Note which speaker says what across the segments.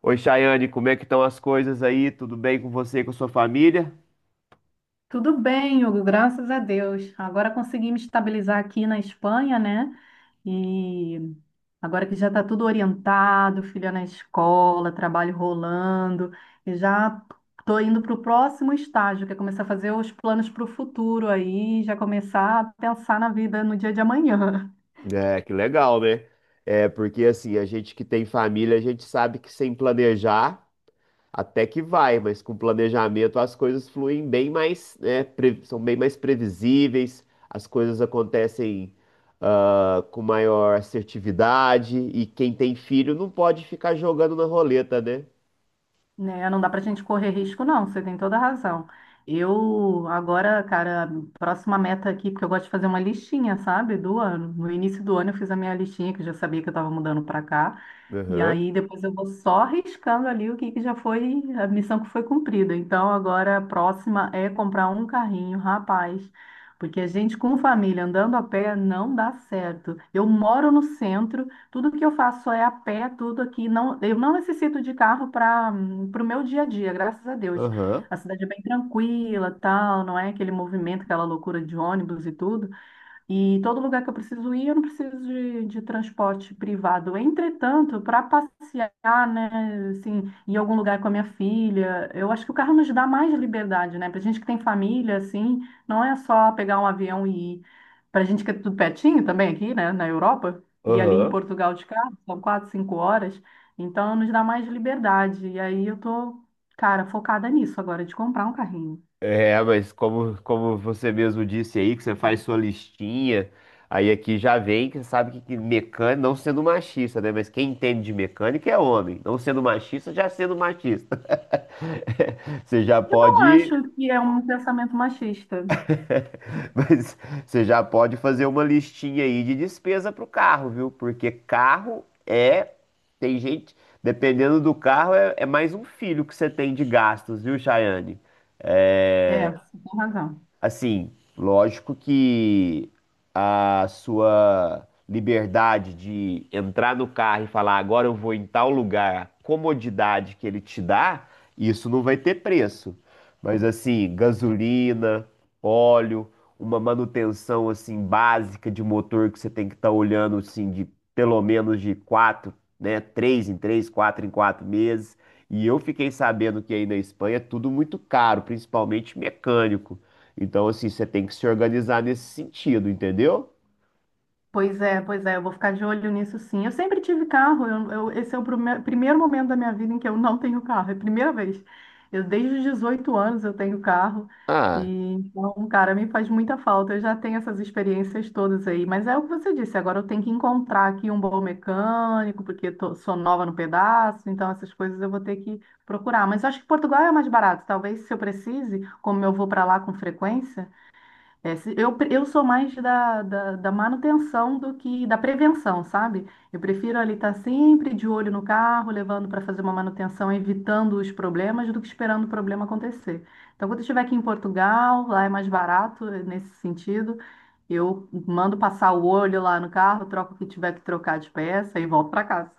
Speaker 1: Oi, Chayane, como é que estão as coisas aí? Tudo bem com você e com sua família?
Speaker 2: Tudo bem, Hugo, graças a Deus. Agora consegui me estabilizar aqui na Espanha, né? E agora que já está tudo orientado, filha na escola, trabalho rolando, e já estou indo para o próximo estágio, que é começar a fazer os planos para o futuro aí, já começar a pensar na vida no dia de amanhã.
Speaker 1: É, que legal, né? É, porque assim, a gente que tem família, a gente sabe que sem planejar até que vai, mas com planejamento as coisas fluem bem mais, né, são bem mais previsíveis, as coisas acontecem, com maior assertividade e quem tem filho não pode ficar jogando na roleta, né?
Speaker 2: Né, não dá pra gente correr risco, não, você tem toda a razão. Eu, agora, cara, próxima meta aqui, porque eu gosto de fazer uma listinha, sabe, do ano. No início do ano eu fiz a minha listinha, que eu já sabia que eu estava mudando pra cá. E
Speaker 1: Aham,
Speaker 2: aí depois eu vou só riscando ali o que, que já foi, a missão que foi cumprida. Então agora a próxima é comprar um carrinho, rapaz. Porque a gente com família andando a pé não dá certo. Eu moro no centro. Tudo que eu faço é a pé, tudo aqui. Não, eu não necessito de carro para o meu dia a dia, graças a Deus.
Speaker 1: aham,
Speaker 2: A cidade é bem tranquila, tal, não é aquele movimento, aquela loucura de ônibus e tudo. E todo lugar que eu preciso ir, eu não preciso de transporte privado. Entretanto, para passear, né, assim, em algum lugar com a minha filha, eu acho que o carro nos dá mais liberdade, né? Para gente que tem família, assim, não é só pegar um avião e ir. Para gente que é tudo pertinho também aqui, né, na Europa, e ali em
Speaker 1: aham.
Speaker 2: Portugal de carro, são 4, 5 horas, então nos dá mais liberdade. E aí eu tô, cara, focada nisso agora, de comprar um carrinho.
Speaker 1: É, mas como você mesmo disse aí, que você faz sua listinha, aí aqui já vem que sabe que mecânico, não sendo machista, né? Mas quem entende de mecânica é homem. Não sendo machista, já sendo machista. Você já
Speaker 2: Eu
Speaker 1: pode.
Speaker 2: acho que é um pensamento machista.
Speaker 1: Mas você já pode fazer uma listinha aí de despesa pro carro, viu? Porque tem gente, dependendo do carro, é mais um filho que você tem de gastos, viu, Chayane?
Speaker 2: É,
Speaker 1: É,
Speaker 2: você tem razão.
Speaker 1: assim, lógico que a sua liberdade de entrar no carro e falar agora eu vou em tal lugar, a comodidade que ele te dá, isso não vai ter preço. Mas assim, gasolina, óleo, uma manutenção assim básica de motor que você tem que estar olhando assim de pelo menos de quatro, né, três em três, quatro em quatro meses. E eu fiquei sabendo que aí na Espanha é tudo muito caro, principalmente mecânico. Então, assim, você tem que se organizar nesse sentido, entendeu?
Speaker 2: Pois é, eu vou ficar de olho nisso, sim. Eu sempre tive carro, esse é o primeiro momento da minha vida em que eu não tenho carro, é a primeira vez. Eu, desde os 18 anos eu tenho carro,
Speaker 1: Ah.
Speaker 2: e então, cara, me faz muita falta. Eu já tenho essas experiências todas aí, mas é o que você disse, agora eu tenho que encontrar aqui um bom mecânico, porque sou nova no pedaço, então essas coisas eu vou ter que procurar. Mas eu acho que Portugal é mais barato, talvez se eu precise, como eu vou para lá com frequência. É, eu, eu sou mais da manutenção do que da prevenção, sabe? Eu prefiro ali estar sempre de olho no carro, levando para fazer uma manutenção, evitando os problemas, do que esperando o problema acontecer. Então, quando eu estiver aqui em Portugal, lá é mais barato nesse sentido, eu mando passar o olho lá no carro, troco o que tiver que trocar de peça e volto para casa.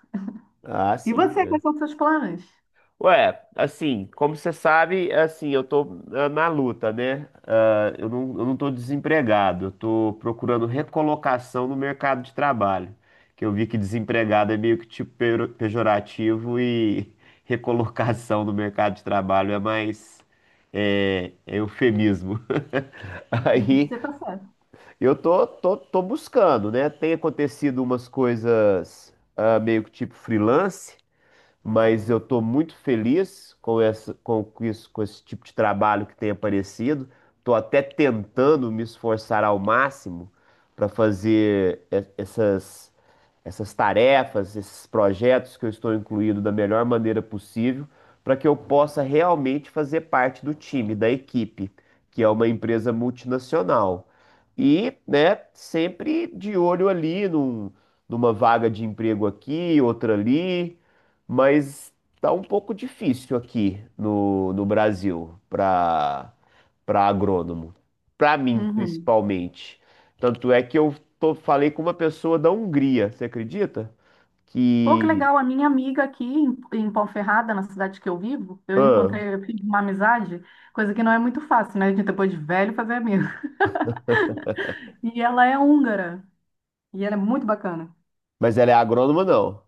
Speaker 1: Ah,
Speaker 2: E
Speaker 1: sim.
Speaker 2: você, quais
Speaker 1: É.
Speaker 2: são os seus planos?
Speaker 1: Ué, assim, como você sabe, assim, eu tô na luta, né? Eu não tô desempregado, eu tô procurando recolocação no mercado de trabalho. Que eu vi que desempregado é meio que tipo pejorativo e recolocação no mercado de trabalho é mais, é eufemismo.
Speaker 2: Uhum.
Speaker 1: Aí
Speaker 2: Você tá certo.
Speaker 1: eu tô buscando, né? Tem acontecido umas coisas meio que tipo freelance, mas eu estou muito feliz com essa, com isso, com esse tipo de trabalho que tem aparecido. Estou até tentando me esforçar ao máximo para fazer essas tarefas, esses projetos que eu estou incluído da melhor maneira possível, para que eu possa realmente fazer parte do time, da equipe, que é uma empresa multinacional. E, né, sempre de olho ali numa vaga de emprego aqui, outra ali, mas tá um pouco difícil aqui no Brasil para agrônomo, para mim
Speaker 2: Uhum.
Speaker 1: principalmente. Tanto é que eu falei com uma pessoa da Hungria, você acredita?
Speaker 2: Pô, que
Speaker 1: Que,
Speaker 2: legal, a minha amiga aqui em, em Ponferrada, na cidade que eu vivo, eu
Speaker 1: ah,
Speaker 2: encontrei, eu fiz uma amizade, coisa que não é muito fácil, né? A gente depois de velho fazer amigo. E ela é húngara, e ela é muito bacana.
Speaker 1: mas ela é agrônoma não.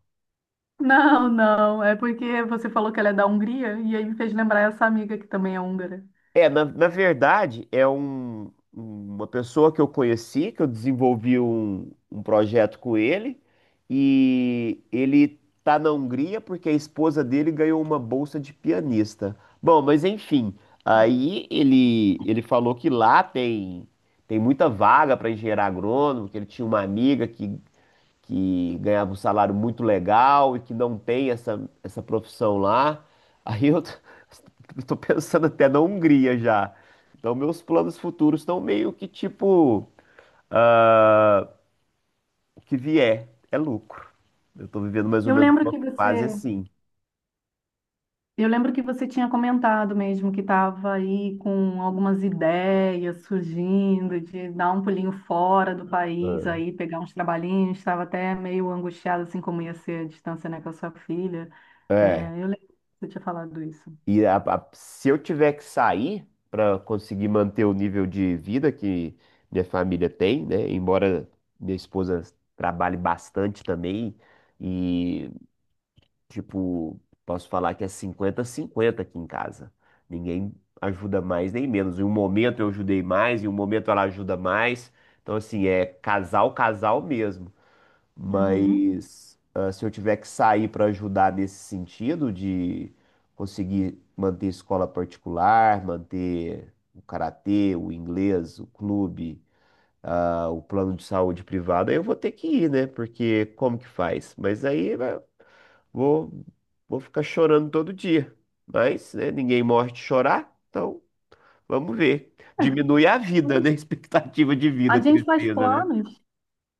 Speaker 2: Não, não, é porque você falou que ela é da Hungria, e aí me fez lembrar essa amiga que também é húngara.
Speaker 1: É, na verdade, é uma pessoa que eu conheci, que eu desenvolvi um projeto com ele, e ele tá na Hungria porque a esposa dele ganhou uma bolsa de pianista. Bom, mas enfim, aí ele falou que lá tem, tem muita vaga para engenheiro agrônomo, que ele tinha uma amiga que ganhava um salário muito legal e que não tem essa profissão lá. Aí eu tô, eu tô pensando até na Hungria já. Então, meus planos futuros estão meio que tipo, ah, o que vier é lucro. Eu tô vivendo mais ou
Speaker 2: Eu
Speaker 1: menos
Speaker 2: lembro
Speaker 1: uma
Speaker 2: que você,
Speaker 1: fase assim.
Speaker 2: Eu lembro que você tinha comentado mesmo que estava aí com algumas ideias surgindo de dar um pulinho fora do país aí, pegar uns trabalhinhos, estava até meio angustiada assim como ia ser a distância, né, com a sua filha.
Speaker 1: É. É.
Speaker 2: É, eu lembro que você tinha falado isso.
Speaker 1: E se eu tiver que sair para conseguir manter o nível de vida que minha família tem, né? Embora minha esposa trabalhe bastante também e tipo, posso falar que é 50 cinquenta aqui em casa. Ninguém ajuda mais nem menos. Em um momento eu ajudei mais, em um momento ela ajuda mais. Então, assim, é casal, casal mesmo.
Speaker 2: Uhum.
Speaker 1: Mas se eu tiver que sair para ajudar nesse sentido de conseguir manter escola particular, manter o karatê, o inglês, o clube, ah, o plano de saúde privado, aí eu vou ter que ir, né? Porque como que faz? Mas aí, né, vou, vou ficar chorando todo dia. Mas, né, ninguém morre de chorar, então vamos ver. Diminui a vida, né? Expectativa de
Speaker 2: A
Speaker 1: vida,
Speaker 2: gente faz
Speaker 1: tristeza, né?
Speaker 2: planos.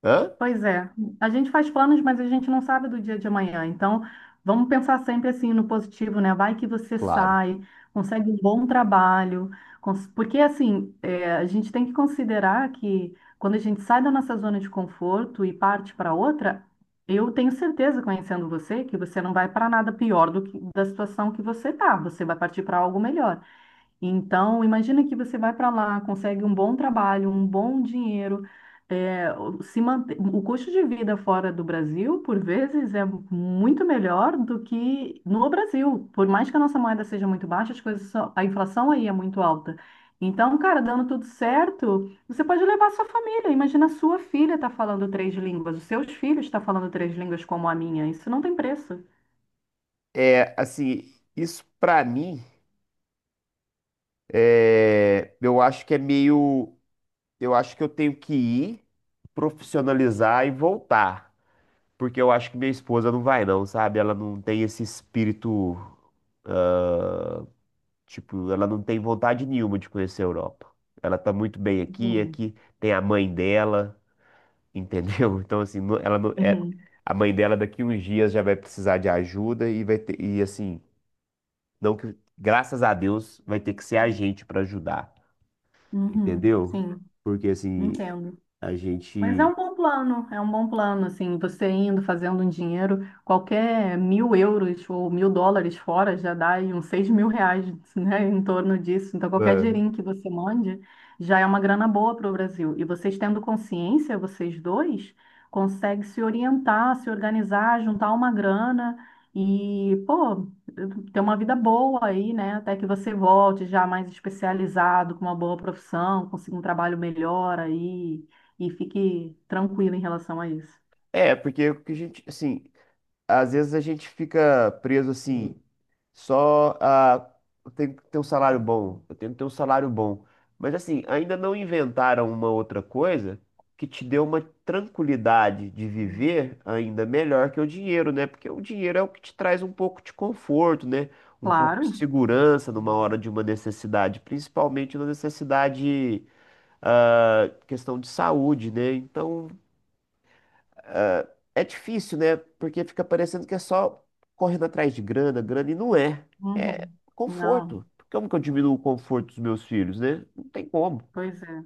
Speaker 1: Hã?
Speaker 2: Pois é, a gente faz planos, mas a gente não sabe do dia de amanhã. Então, vamos pensar sempre assim no positivo, né? Vai que você
Speaker 1: Claro.
Speaker 2: sai, consegue um bom trabalho, porque assim, é, a gente tem que considerar que quando a gente sai da nossa zona de conforto e parte para outra, eu tenho certeza, conhecendo você, que você não vai para nada pior do que da situação que você tá. Você vai partir para algo melhor. Então, imagina que você vai para lá, consegue um bom trabalho, um bom dinheiro, é, o- se mante- o custo de vida fora do Brasil, por vezes, é muito melhor do que no Brasil. Por mais que a nossa moeda seja muito baixa, a inflação aí é muito alta. Então, cara, dando tudo certo, você pode levar sua família. Imagina, a sua filha está falando três línguas, os seus filhos estão falando três línguas como a minha. Isso não tem preço.
Speaker 1: É, assim, isso pra mim, é, eu acho que é meio. Eu acho que eu tenho que ir, profissionalizar e voltar. Porque eu acho que minha esposa não vai, não, sabe? Ela não tem esse espírito. Tipo, ela não tem vontade nenhuma de conhecer a Europa. Ela tá muito bem aqui,
Speaker 2: Entendi.
Speaker 1: aqui tem a mãe dela, entendeu? Então, assim, ela não é.
Speaker 2: Uhum,
Speaker 1: A mãe dela daqui uns dias já vai precisar de ajuda e vai ter, e assim, não que, graças a Deus, vai ter que ser a gente para ajudar,
Speaker 2: uhum,
Speaker 1: entendeu?
Speaker 2: sim,
Speaker 1: Porque assim,
Speaker 2: entendo.
Speaker 1: a
Speaker 2: Mas é
Speaker 1: gente.
Speaker 2: um bom plano, é um bom plano, assim, você indo, fazendo um dinheiro, qualquer 1.000 euros ou 1.000 dólares fora já dá aí uns 6.000 reais, né, em torno disso. Então, qualquer
Speaker 1: Ah.
Speaker 2: dinheirinho que você mande já é uma grana boa para o Brasil. E vocês tendo consciência, vocês dois, conseguem se orientar, se organizar, juntar uma grana e, pô, ter uma vida boa aí, né, até que você volte já mais especializado, com uma boa profissão, consiga um trabalho melhor aí e fique tranquilo em relação a isso.
Speaker 1: É, porque o que a gente, assim, às vezes a gente fica preso assim, só a eu tenho que ter um salário bom, eu tenho que ter um salário bom. Mas assim, ainda não inventaram uma outra coisa que te dê uma tranquilidade de viver ainda melhor que o dinheiro, né? Porque o dinheiro é o que te traz um pouco de conforto, né? Um pouco de
Speaker 2: Claro.
Speaker 1: segurança numa hora de uma necessidade, principalmente na necessidade, ah, questão de saúde, né? Então, é difícil, né? Porque fica parecendo que é só correndo atrás de grana, grana, e não é. É
Speaker 2: Uhum. Não,
Speaker 1: conforto. Como que eu diminuo o conforto dos meus filhos, né? Não tem como.
Speaker 2: pois é.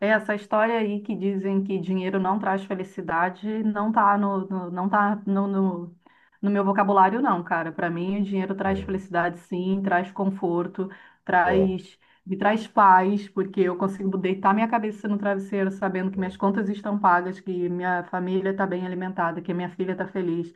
Speaker 2: É, essa história aí que dizem que dinheiro não traz felicidade não tá não tá no, no meu vocabulário, não, cara. Para mim, o dinheiro traz
Speaker 1: É,
Speaker 2: felicidade, sim, traz conforto,
Speaker 1: é.
Speaker 2: traz, me traz paz, porque eu consigo deitar minha cabeça no travesseiro sabendo que
Speaker 1: É.
Speaker 2: minhas contas estão pagas, que minha família está bem alimentada, que minha filha está feliz.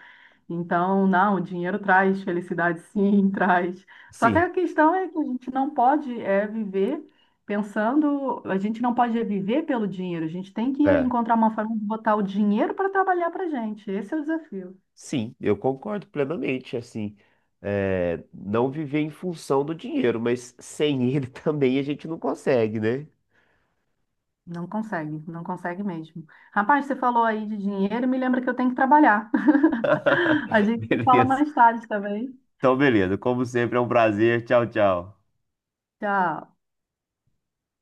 Speaker 2: Então, não, o dinheiro traz felicidade, sim, traz. Só que
Speaker 1: Sim,
Speaker 2: a questão é que a gente não pode é, viver. Pensando, a gente não pode viver pelo dinheiro, a gente tem que
Speaker 1: é.
Speaker 2: encontrar uma forma de botar o dinheiro para trabalhar para a gente. Esse é o desafio.
Speaker 1: Sim, eu concordo plenamente, assim, é, não viver em função do dinheiro, mas sem ele também a gente não consegue, né?
Speaker 2: Não consegue, não consegue mesmo. Rapaz, você falou aí de dinheiro, me lembra que eu tenho que trabalhar. A gente se fala
Speaker 1: Beleza.
Speaker 2: mais tarde também.
Speaker 1: Então, beleza. Como sempre, é um prazer. Tchau, tchau.
Speaker 2: Tchau.